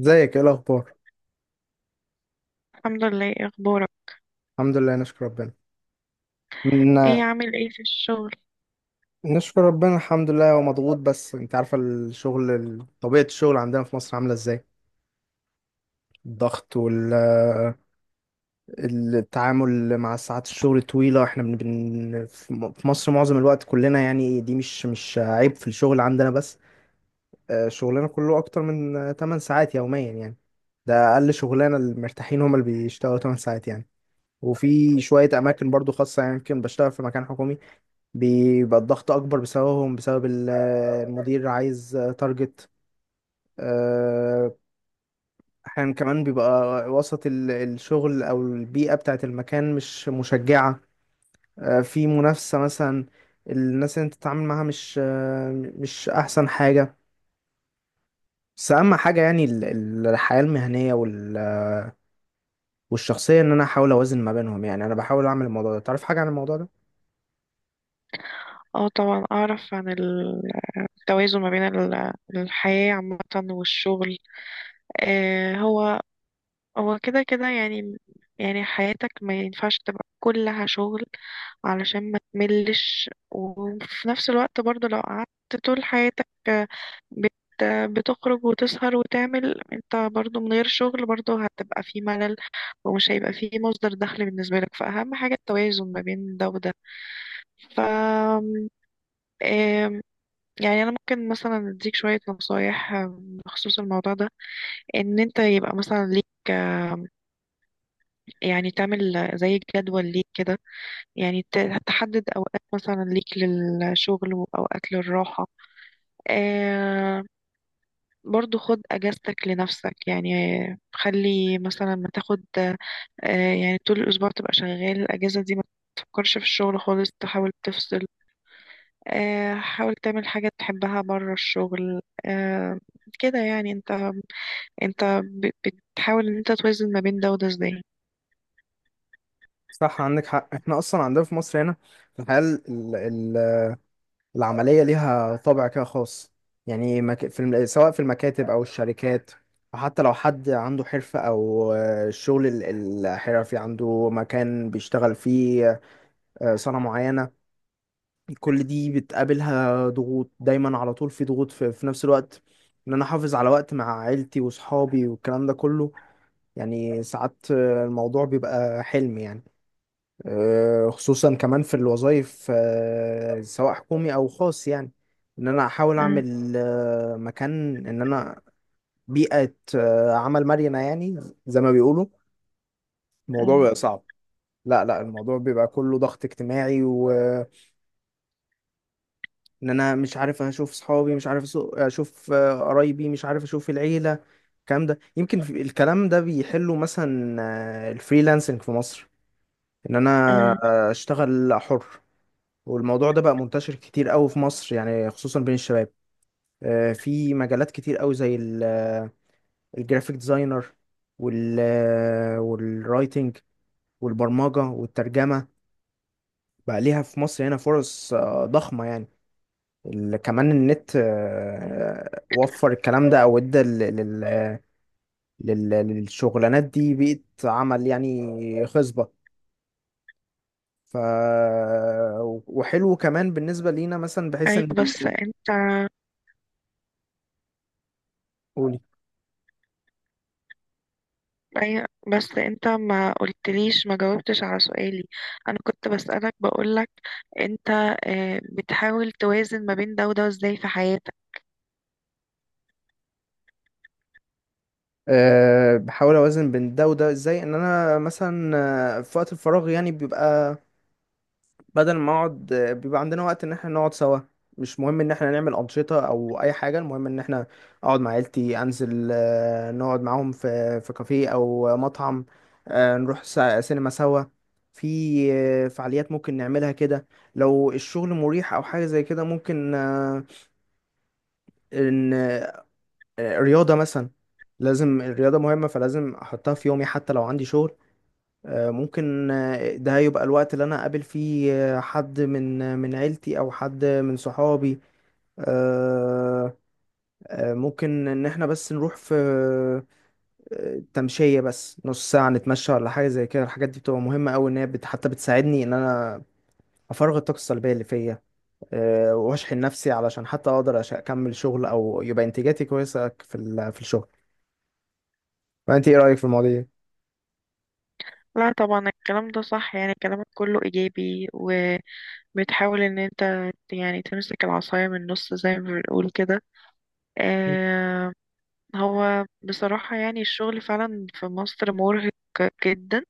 ازيك؟ ايه الاخبار؟ الحمد لله. إيه اخبارك؟ الحمد لله نشكر ربنا. من ايه عامل ايه في الشغل؟ نشكر ربنا الحمد لله ومضغوط، بس انت عارفه الشغل طبيعه الشغل عندنا في مصر عامله ازاي. الضغط والتعامل مع ساعات الشغل طويله، احنا في مصر معظم الوقت كلنا، يعني دي مش عيب في الشغل عندنا، بس شغلنا كله اكتر من 8 ساعات يوميا يعني. ده اقل شغلانه، المرتاحين هم اللي بيشتغلوا 8 ساعات يعني. وفي شويه اماكن برضو خاصه، يعني يمكن بشتغل في مكان حكومي بيبقى الضغط اكبر بسببهم، بسبب المدير عايز تارجت. آه، احيانا كمان بيبقى وسط الشغل او البيئة بتاعت المكان مش مشجعة. في منافسة مثلا، الناس اللي انت بتتعامل معاها مش مش احسن حاجة. بس اهم حاجة يعني الحياة المهنية والشخصية، ان انا احاول اوازن ما بينهم. يعني انا بحاول اعمل الموضوع ده، تعرف حاجة عن الموضوع ده؟ اه طبعا اعرف عن التوازن ما بين الحياة عامة والشغل. آه هو هو كده كده يعني. يعني حياتك ما ينفعش تبقى كلها شغل علشان ما تملش، وفي نفس الوقت برضه لو قعدت طول حياتك بت بتخرج وتسهر وتعمل انت برضه من غير شغل، برضه هتبقى في ملل ومش هيبقى في مصدر دخل بالنسبة لك. فأهم حاجة التوازن ما بين ده وده. ف آم، يعني انا ممكن مثلا اديك شويه نصايح بخصوص الموضوع ده، ان انت يبقى مثلا ليك، يعني تعمل زي جدول ليك كده. يعني تحدد اوقات مثلا ليك للشغل واوقات للراحه. آم، برضو خد اجازتك لنفسك يعني. خلي مثلا ما تاخد يعني طول الأسبوع تبقى شغال، الأجازة دي ما تفكرش في الشغل خالص، تحاول تفصل. حاول تعمل حاجة تحبها بره الشغل. آه، كده يعني. انت بتحاول ان انت توازن ما بين ده وده ازاي؟ صح عندك حق احنا اصلا عندنا في مصر هنا الحياة العملية ليها طابع كده خاص. يعني سواء في المكاتب أو الشركات، وحتى لو حد عنده حرفة أو الشغل الحرفي عنده مكان بيشتغل فيه، صنعة معينة، كل دي بتقابلها ضغوط دايما على طول. في ضغوط في نفس الوقت، إن أنا أحافظ على وقت مع عيلتي وصحابي والكلام ده كله. يعني ساعات الموضوع بيبقى حلم يعني. خصوصا كمان في الوظائف، سواء حكومي او خاص، يعني ان انا احاول مم، اعمل مكان، ان انا بيئة عمل مرنة يعني، زي ما بيقولوا الموضوع مم، بيبقى صعب. لا لا، الموضوع بيبقى كله ضغط اجتماعي، وان انا مش عارف اشوف صحابي، مش عارف اشوف قرايبي، مش عارف اشوف العيلة. الكلام ده يمكن الكلام ده بيحله مثلا الفريلانسنج في مصر، ان انا مم. اشتغل حر. والموضوع ده بقى منتشر كتير قوي في مصر يعني، خصوصا بين الشباب. في مجالات كتير قوي زي الجرافيك ديزاينر، وال والرايتنج والبرمجة والترجمة، بقى ليها في مصر هنا فرص ضخمة يعني. كمان النت وفر الكلام ده او ادى للشغلانات دي بيئة عمل يعني خصبة. ف وحلو كمان بالنسبة لينا مثلا، بحيث ايوه ان... بس انت، قولي. ايوه بس انت ما قلتليش، ما جاوبتش على سؤالي. انا كنت بسألك، بقولك انت، بتحاول توازن ما بين ده وده ازاي في حياتك؟ أه بحاول اوازن بين ده وده ازاي، ان انا مثلا في وقت الفراغ يعني بيبقى، بدل ما اقعد بيبقى عندنا وقت ان احنا نقعد سوا. مش مهم ان احنا نعمل انشطة او اي حاجة، المهم ان احنا اقعد مع عيلتي، انزل نقعد معاهم في كافيه او مطعم، نروح سينما سوا. في فعاليات ممكن نعملها كده لو الشغل مريح او حاجة زي كده. ممكن آه، رياضة مثلا، لازم الرياضة مهمة، فلازم أحطها في يومي حتى لو عندي شغل. ممكن ده يبقى الوقت اللي أنا أقابل فيه حد من من عيلتي أو حد من صحابي. آه، ممكن إن إحنا بس نروح في تمشية، بس نص ساعة نتمشى ولا حاجة زي كده. الحاجات دي بتبقى مهمة أوي، إن هي حتى بتساعدني إن أنا أفرغ الطاقة السلبية اللي فيا، وأشحن نفسي علشان حتى أقدر أكمل شغل أو يبقى إنتاجاتي كويسة في الشغل. فأنت إيه رأيك في المواضيع دي؟ لا طبعا الكلام ده صح. يعني كلامك كله ايجابي، وبتحاول ان انت يعني تمسك العصاية من النص زي ما بنقول كده. آه، هو بصراحة يعني الشغل فعلا في مصر مرهق جدا.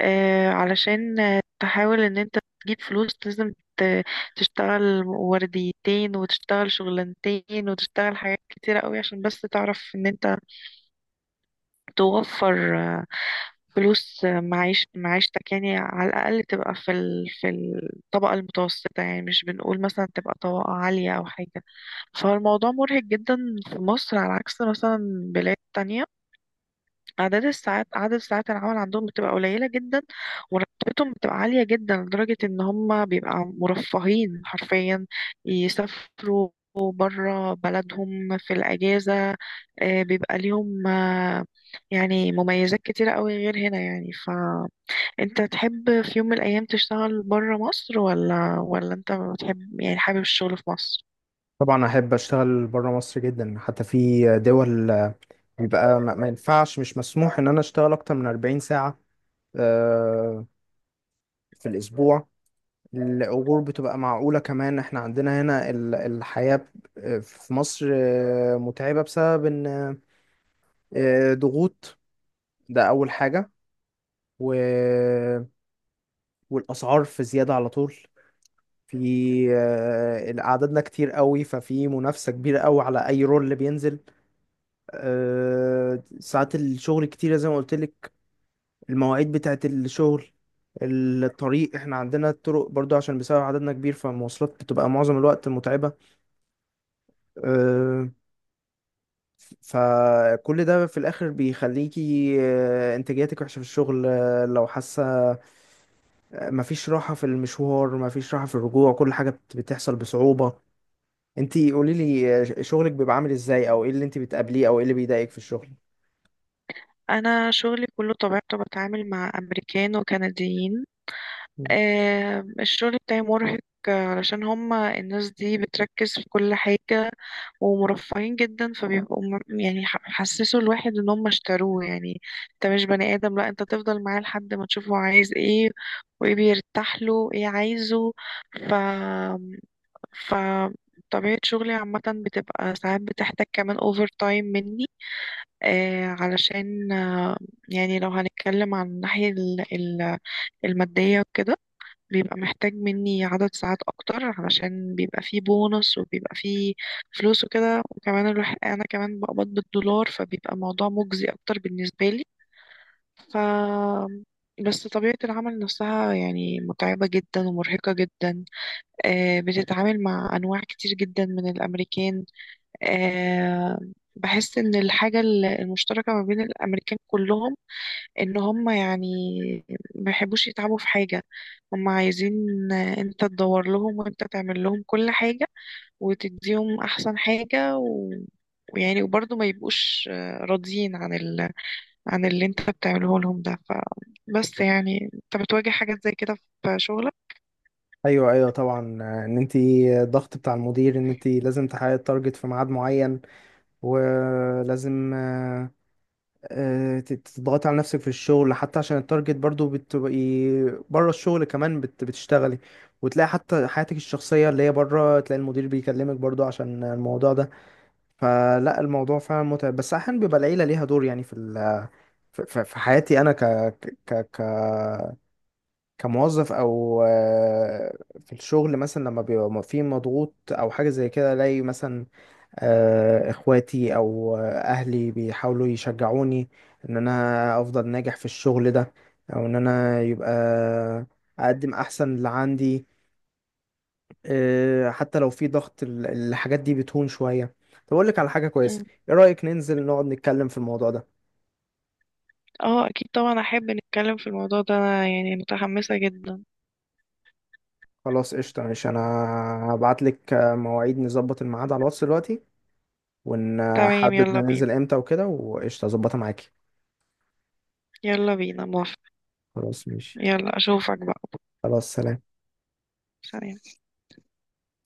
علشان تحاول ان انت تجيب فلوس لازم تشتغل ورديتين، وتشتغل شغلانتين، وتشتغل حاجات كتيرة قوي، عشان بس تعرف ان انت توفر فلوس، معيش معيشتك يعني. على الأقل تبقى في في الطبقة المتوسطة. يعني مش بنقول مثلا تبقى طبقة عالية أو حاجة. فالموضوع مرهق جدا في مصر، على عكس مثلا بلاد تانية. عدد الساعات، عدد ساعات العمل عندهم بتبقى قليلة جدا، وراتبتهم بتبقى عالية جدا لدرجة ان هم بيبقى مرفهين حرفيا. يسافروا برا بلدهم في الأجازة. بيبقى ليهم يعني مميزات كتيرة قوي غير هنا يعني. فأنت تحب في يوم من الأيام تشتغل برا مصر، ولا أنت بتحب يعني، حابب الشغل في مصر؟ طبعا احب اشتغل بره مصر جدا، حتى في دول بيبقى ما ما ينفعش، مش مسموح ان انا اشتغل اكتر من 40 ساعة آه، في الاسبوع. الاجور بتبقى معقولة كمان. احنا عندنا هنا الحياة في مصر متعبة بسبب ان ضغوط، ده اول حاجة. و... والاسعار في زيادة على طول. في عددنا كتير قوي، ففي منافسة كبيرة قوي على اي رول اللي بينزل. ساعات الشغل كتيرة زي ما قلت لك، المواعيد بتاعت الشغل، الطريق. احنا عندنا الطرق برضو عشان بسبب عددنا كبير، فالمواصلات بتبقى معظم الوقت متعبة. آه، فكل ده في الآخر بيخليكي إنتاجيتك وحشة في الشغل لو حاسة. مفيش راحة في المشوار، مفيش راحة في الرجوع، كل حاجة بتحصل بصعوبة. انتي قوليلي شغلك بيبقى عامل ازاي، او ايه اللي انتي بتقابليه، او ايه اللي بيضايقك في الشغل؟ أنا شغلي كله طبيعته بتعامل مع أمريكان وكنديين. الشغل بتاعي مرهق علشان هما الناس دي بتركز في كل حاجة ومرفهين جدا. فبيبقوا يعني حسسوا الواحد ان هم اشتروه يعني. انت مش بني ادم، لا انت تفضل معاه لحد ما تشوفه عايز ايه، وايه بيرتاح له، وايه عايزه. ف ف طبيعة شغلي عامة بتبقى ساعات بتحتاج كمان اوفر تايم مني. آه علشان آه، يعني لو هنتكلم عن الناحية المادية وكده، بيبقى محتاج مني عدد ساعات اكتر، علشان بيبقى فيه بونص وبيبقى فيه فلوس وكده. وكمان الواحد، انا كمان بقبض بالدولار، فبيبقى الموضوع مجزي اكتر بالنسبة لي. ف بس طبيعة العمل نفسها يعني متعبة جدا ومرهقة جدا. آه بتتعامل مع أنواع كتير جدا من الأمريكان. آه بحس إن الحاجة المشتركة ما بين الأمريكان كلهم ان هم يعني ما يحبوش يتعبوا في حاجة. هم عايزين انت تدور لهم، وانت تعمل لهم كل حاجة، وتديهم احسن حاجة، و... ويعني وبرضه ما يبقوش راضيين عن ال... عن اللي انت بتعمله لهم ده. ف... بس يعني انت بتواجه حاجات زي كده في شغلك؟ ايوه ايوه طبعا، ان انت الضغط بتاع المدير ان انت لازم تحققي التارجت في ميعاد معين، ولازم تضغطي على نفسك في الشغل حتى عشان التارجت. برضو بتبقي بره الشغل كمان بتشتغلي، وتلاقي حتى حياتك الشخصية اللي هي بره، تلاقي المدير بيكلمك برضو عشان الموضوع ده. فلا الموضوع فعلا متعب، بس احيانا بيبقى العيلة ليها دور يعني في ال في في- في حياتي انا ك ك ك كموظف او في الشغل، مثلا لما بيبقى في مضغوط او حاجه زي كده، الاقي مثلا اخواتي او اهلي بيحاولوا يشجعوني ان انا افضل ناجح في الشغل ده، او ان انا يبقى اقدم احسن اللي عندي. حتى لو في ضغط الحاجات دي بتهون شويه. طب اقول لك على حاجه كويسه، مم. ايه رايك ننزل نقعد نتكلم في الموضوع ده؟ اه اكيد طبعا احب نتكلم في الموضوع ده. أنا يعني متحمسة جدا. خلاص قشطه ماشي، انا هبعت لك مواعيد، نظبط الميعاد على الواتس دلوقتي، تمام، ونحدد يلا بينا. ننزل امتى وكده، وقشطة اظبطها معاكي. يلا بينا، موافقة. خلاص ماشي. يلا اشوفك بقى. خلاص سلام. سلام.